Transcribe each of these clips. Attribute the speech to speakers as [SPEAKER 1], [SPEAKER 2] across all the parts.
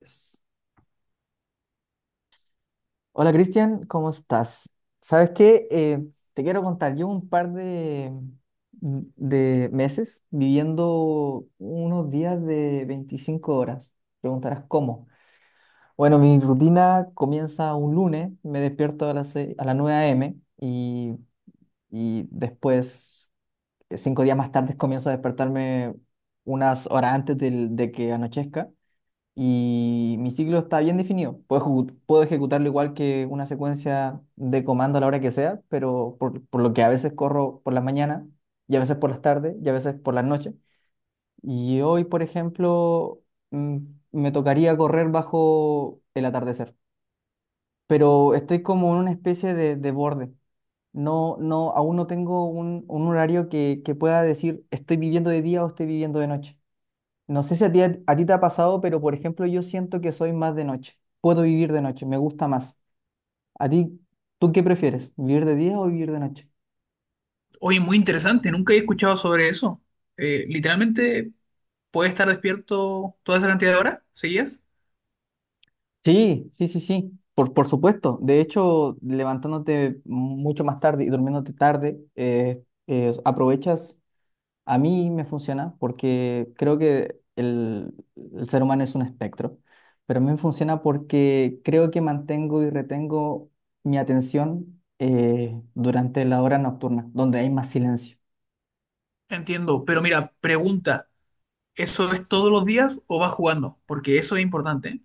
[SPEAKER 1] Yes. Hola Cristian, ¿cómo estás? ¿Sabes qué? Te quiero contar, llevo un par de meses viviendo unos días de 25 horas. Preguntarás cómo. Bueno, mi rutina comienza un lunes, me despierto a a las 9 a.m. Y después, cinco días más tarde, comienzo a despertarme unas horas de que anochezca. Y mi ciclo está bien definido. Puedo, puedo ejecutarlo igual que una secuencia de comando a la hora que sea, pero por lo que a veces corro por las mañanas, y a veces por las tardes, y a veces por las noches. Y hoy, por ejemplo, mm, me tocaría correr bajo el atardecer, pero estoy como en una especie de borde. No, no, aún no tengo un horario que pueda decir estoy viviendo de día o estoy viviendo de noche. No sé si a a ti te ha pasado, pero por ejemplo, yo siento que soy más de noche. Puedo vivir de noche, me gusta más. ¿A tú qué prefieres? ¿Vivir de día o vivir de noche?
[SPEAKER 2] Oye, muy interesante, nunca he escuchado sobre eso. Literalmente, ¿puede estar despierto toda esa cantidad de horas seguidas?
[SPEAKER 1] Sí, sí, sí, sí. Por supuesto. De hecho, levantándote mucho más tarde y durmiéndote tarde, aprovechas. A mí me funciona porque creo que el ser humano es un espectro, pero a mí me funciona porque creo que mantengo y retengo mi atención durante la hora nocturna, donde hay más silencio.
[SPEAKER 2] Entiendo, pero mira, pregunta. ¿Eso es todos los días o vas jugando? Porque eso es importante, ¿eh?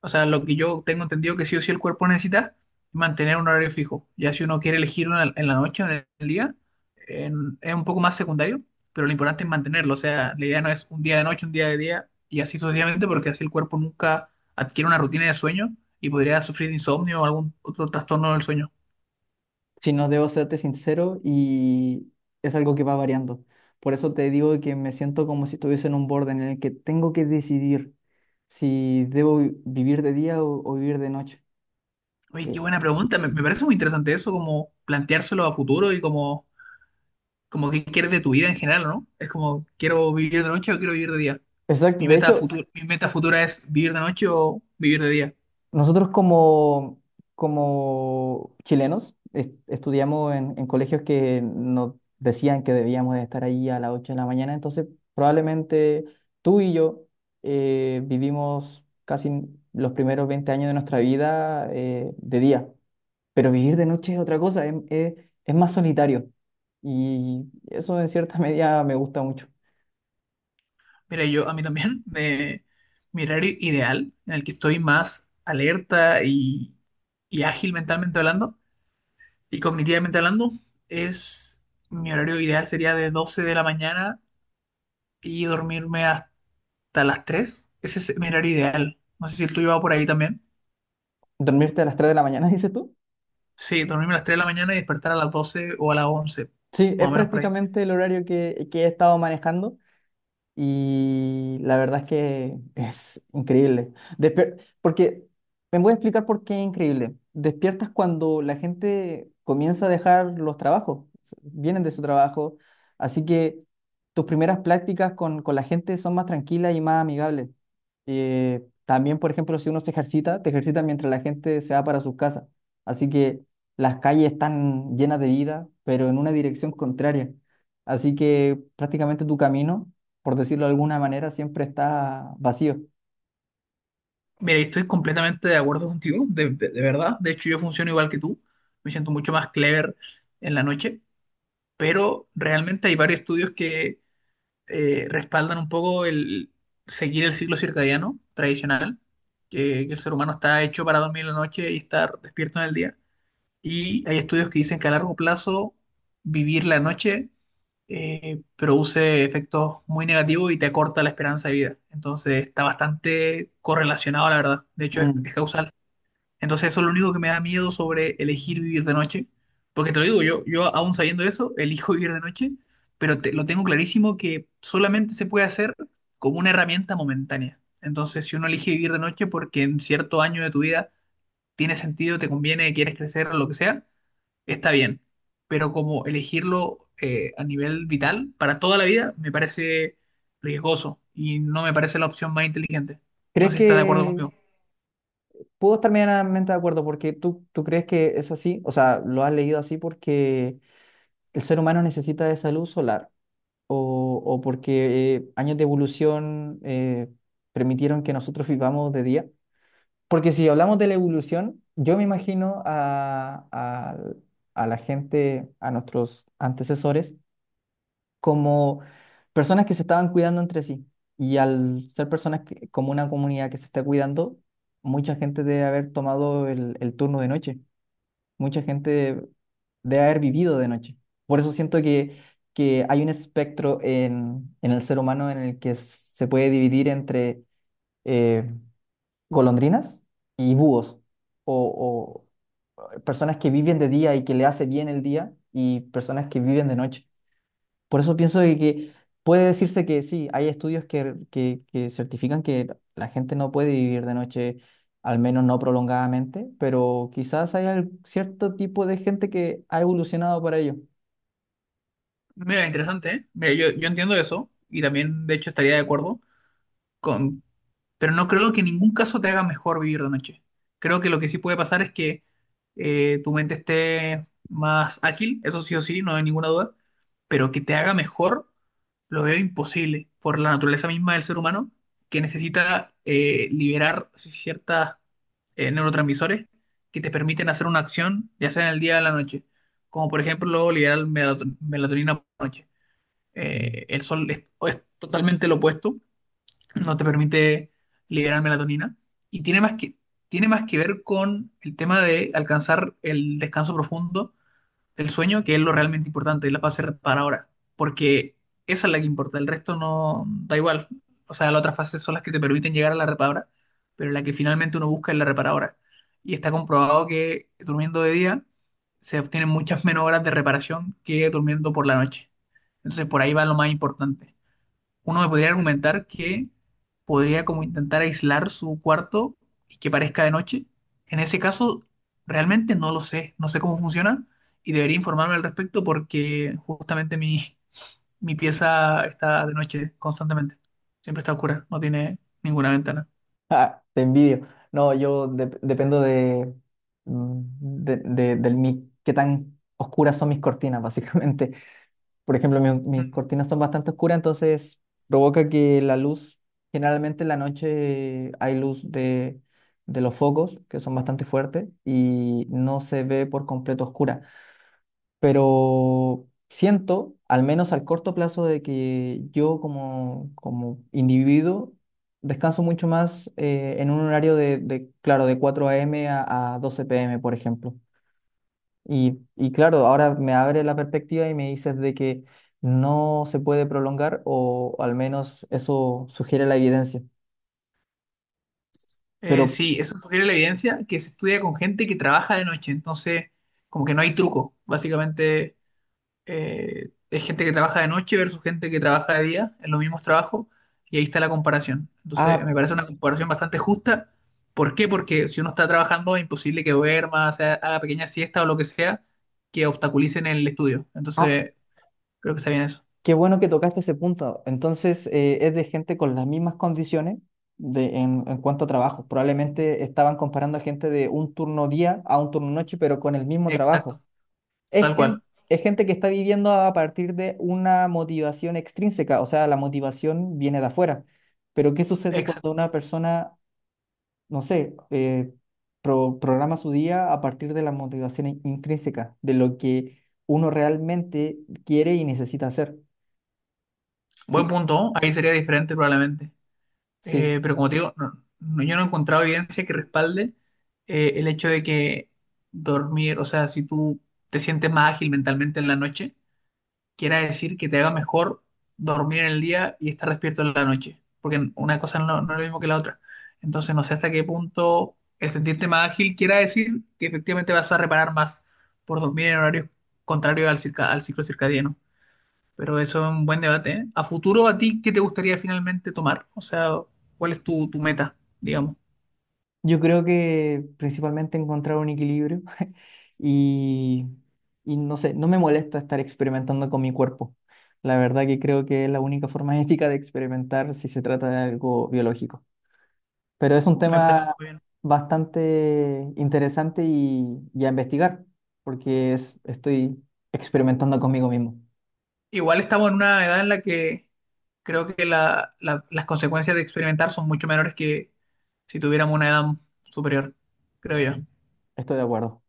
[SPEAKER 2] O sea, lo que yo tengo entendido que sí o sí el cuerpo necesita es mantener un horario fijo. Ya si uno quiere elegir una en la noche o en el día, es un poco más secundario, pero lo importante es mantenerlo. O sea, la idea no es un día de noche, un día de día y así sucesivamente, porque así el cuerpo nunca adquiere una rutina de sueño y podría sufrir de insomnio o algún otro trastorno del sueño.
[SPEAKER 1] Si no debo serte sincero y es algo que va variando. Por eso te digo que me siento como si estuviese en un borde en el que tengo que decidir si debo vivir de día o vivir de noche.
[SPEAKER 2] Oye, qué
[SPEAKER 1] Eh,
[SPEAKER 2] buena pregunta. Me parece muy interesante eso, como planteárselo a futuro y como que quieres de tu vida en general, ¿no? Es como, ¿quiero vivir de noche o quiero vivir de día?
[SPEAKER 1] exacto, de hecho...
[SPEAKER 2] Mi meta futura es vivir de noche o vivir de día.
[SPEAKER 1] Nosotros como, como chilenos estudiamos en colegios que nos decían que debíamos de estar ahí a las 8 de la mañana, entonces probablemente tú y yo vivimos casi los primeros 20 años de nuestra vida de día, pero vivir de noche es otra cosa, es más solitario y eso en cierta medida me gusta mucho.
[SPEAKER 2] Mira, yo a mí también, de mi horario ideal, en el que estoy más alerta y ágil mentalmente hablando y cognitivamente hablando, es mi horario ideal sería de 12:00 y dormirme hasta las 3:00. Ese es mi horario ideal. No sé si el tuyo va por ahí también.
[SPEAKER 1] ¿Dormirte a las 3 de la mañana, dices tú?
[SPEAKER 2] Sí, dormirme a las 3:00 de la mañana y despertar a las 12:00 o a las 11:00,
[SPEAKER 1] Sí, es
[SPEAKER 2] más o menos por ahí.
[SPEAKER 1] prácticamente el horario que he estado manejando. Y la verdad es que es increíble. Porque me voy a explicar por qué es increíble. Despiertas cuando la gente comienza a dejar los trabajos, vienen de su trabajo, así que tus primeras prácticas con la gente son más tranquilas y más amigables. También, por ejemplo, si uno se ejercita, te ejercita mientras la gente se va para sus casas. Así que las calles están llenas de vida, pero en una dirección contraria. Así que prácticamente tu camino, por decirlo de alguna manera, siempre está vacío.
[SPEAKER 2] Mira, y estoy completamente de acuerdo contigo, de, de verdad. De hecho, yo funciono igual que tú. Me siento mucho más clever en la noche, pero realmente hay varios estudios que respaldan un poco el seguir el ciclo circadiano tradicional, que el ser humano está hecho para dormir en la noche y estar despierto en el día. Y hay estudios que dicen que a largo plazo vivir la noche produce efectos muy negativos y te acorta la esperanza de vida. Entonces está bastante correlacionado, la verdad. De hecho, es,
[SPEAKER 1] Mm.
[SPEAKER 2] es causal. Entonces eso es lo único que me da miedo sobre elegir vivir de noche. Porque te lo digo, yo aún sabiendo eso, elijo vivir de noche, pero lo tengo clarísimo que solamente se puede hacer como una herramienta momentánea. Entonces, si uno elige vivir de noche porque en cierto año de tu vida tiene sentido, te conviene, quieres crecer, lo que sea, está bien, pero como elegirlo a nivel vital para toda la vida me parece riesgoso y no me parece la opción más inteligente. No
[SPEAKER 1] ¿Crees
[SPEAKER 2] sé si estás de acuerdo
[SPEAKER 1] que
[SPEAKER 2] conmigo.
[SPEAKER 1] puedo estar medianamente de acuerdo porque tú crees que es así? O sea, lo has leído así porque el ser humano necesita de esa luz solar o porque años de evolución permitieron que nosotros vivamos de día. Porque si hablamos de la evolución, yo me imagino a la gente, a nuestros antecesores, como personas que se estaban cuidando entre sí. Y al ser personas que- como una comunidad que se está cuidando, mucha gente debe haber tomado el turno de noche, mucha gente debe haber vivido de noche. Por eso siento que hay un espectro en el ser humano en el que se puede dividir entre eh, golondrinas y búhos, o, o personas que viven de día y que le hace bien el día, y personas que viven de noche. Por eso pienso de que puede decirse que sí, hay estudios que certifican que la gente no puede vivir de noche, al menos no prolongadamente, pero quizás hay cierto tipo de gente que ha evolucionado para ello.
[SPEAKER 2] Mira, interesante, ¿eh? Mira, yo entiendo eso y también de hecho estaría de acuerdo con, pero no creo que en ningún caso te haga mejor vivir de noche. Creo que lo que sí puede pasar es que tu mente esté más ágil, eso sí o sí, no hay ninguna duda, pero que te haga mejor lo veo imposible por la naturaleza misma del ser humano, que necesita liberar ciertas neurotransmisores que te permiten hacer una acción, ya sea en el día o en la noche, como por ejemplo liberar melatonina por la noche.
[SPEAKER 1] Ujú.
[SPEAKER 2] El sol es totalmente lo opuesto, no te permite liberar melatonina y tiene más que ver con el tema de alcanzar el descanso profundo del sueño, que es lo realmente importante y la fase reparadora, porque esa es la que importa, el resto no da igual. O sea, las otras fases son las que te permiten llegar a la reparadora, pero la que finalmente uno busca es la reparadora. Y está comprobado que durmiendo de día se obtienen muchas menos horas de reparación que durmiendo por la noche. Entonces, por ahí va lo más importante uno me podría argumentar que podría como intentar aislar su cuarto y que parezca de noche. En ese caso, realmente no lo sé, no sé cómo funciona y debería informarme al respecto porque justamente mi, mi pieza está de noche constantemente. Siempre está oscura, no tiene ninguna ventana.
[SPEAKER 1] Ah, te envidio. No, yo dependo del qué tan oscuras son mis cortinas, básicamente. Por ejemplo, mis
[SPEAKER 2] Mm.
[SPEAKER 1] cortinas son bastante oscuras, entonces provoca que la luz, generalmente en la noche hay luz de los focos, que son bastante fuertes, y no se ve por completo oscura. Pero siento, al menos al corto plazo, de que yo como, como individuo descanso mucho más en un horario claro, de 4 a.m. A 12 p.m., por ejemplo. Y claro, ahora me abre la perspectiva y me dices de que no se puede prolongar o al menos eso sugiere la evidencia.
[SPEAKER 2] Eh,
[SPEAKER 1] Pero,
[SPEAKER 2] sí, eso sugiere la evidencia que se estudia con gente que trabaja de noche, entonces como que no hay truco. Básicamente es gente que trabaja de noche versus gente que trabaja de día en los mismos trabajos y ahí está la comparación. Entonces, me
[SPEAKER 1] ah,
[SPEAKER 2] parece una comparación bastante justa. ¿Por qué? Porque si uno está trabajando es imposible que duerma, o sea, haga pequeña siesta o lo que sea que obstaculicen el estudio.
[SPEAKER 1] ah,
[SPEAKER 2] Entonces, creo que está bien eso.
[SPEAKER 1] qué bueno que tocaste ese punto. Entonces, es de gente con las mismas condiciones en cuanto a trabajo. Probablemente estaban comparando a gente de un turno día a un turno noche, pero con el mismo trabajo.
[SPEAKER 2] Exacto, tal cual.
[SPEAKER 1] Es gente que está viviendo a partir de una motivación extrínseca, o sea, la motivación viene de afuera. Pero ¿qué sucede cuando
[SPEAKER 2] Exacto.
[SPEAKER 1] una persona, no sé, programa su día a partir de la motivación intrínseca, de lo que uno realmente quiere y necesita hacer?
[SPEAKER 2] Buen
[SPEAKER 1] Qui-
[SPEAKER 2] punto, ¿no? Ahí sería diferente probablemente.
[SPEAKER 1] Sí.
[SPEAKER 2] Pero como te digo, yo no he encontrado evidencia que respalde el hecho de que dormir, o sea, si tú te sientes más ágil mentalmente en la noche, quiera decir que te haga mejor dormir en el día y estar despierto en la noche, porque una cosa no, no es lo mismo que la otra. Entonces, no sé hasta qué punto el sentirte más ágil quiera decir que efectivamente vas a reparar más por dormir en horarios contrarios al al ciclo circadiano. Pero eso es un buen debate, ¿eh? A futuro, ¿a ti qué te gustaría finalmente tomar? O sea, ¿cuál es tu meta, digamos?
[SPEAKER 1] Yo creo que principalmente encontrar un equilibrio y, y no sé, no me molesta estar experimentando con mi cuerpo. La verdad que creo que es la única forma ética de experimentar si se trata de algo biológico. Pero es un
[SPEAKER 2] Me parece
[SPEAKER 1] tema
[SPEAKER 2] muy bien.
[SPEAKER 1] bastante interesante y a investigar, porque es, estoy experimentando conmigo mismo.
[SPEAKER 2] Igual estamos en una edad en la que creo que las consecuencias de experimentar son mucho menores que si tuviéramos una edad superior, creo yo.
[SPEAKER 1] Estoy de acuerdo,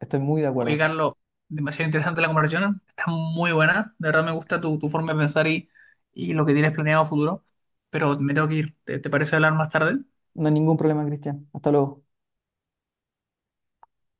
[SPEAKER 1] estoy muy de
[SPEAKER 2] Oye,
[SPEAKER 1] acuerdo.
[SPEAKER 2] Carlos, demasiado interesante la conversación, está muy buena, de verdad me gusta tu forma de pensar y lo que tienes planeado a futuro, pero me tengo que ir. ¿Te parece hablar más tarde?
[SPEAKER 1] No hay ningún problema, Cristian. Hasta luego.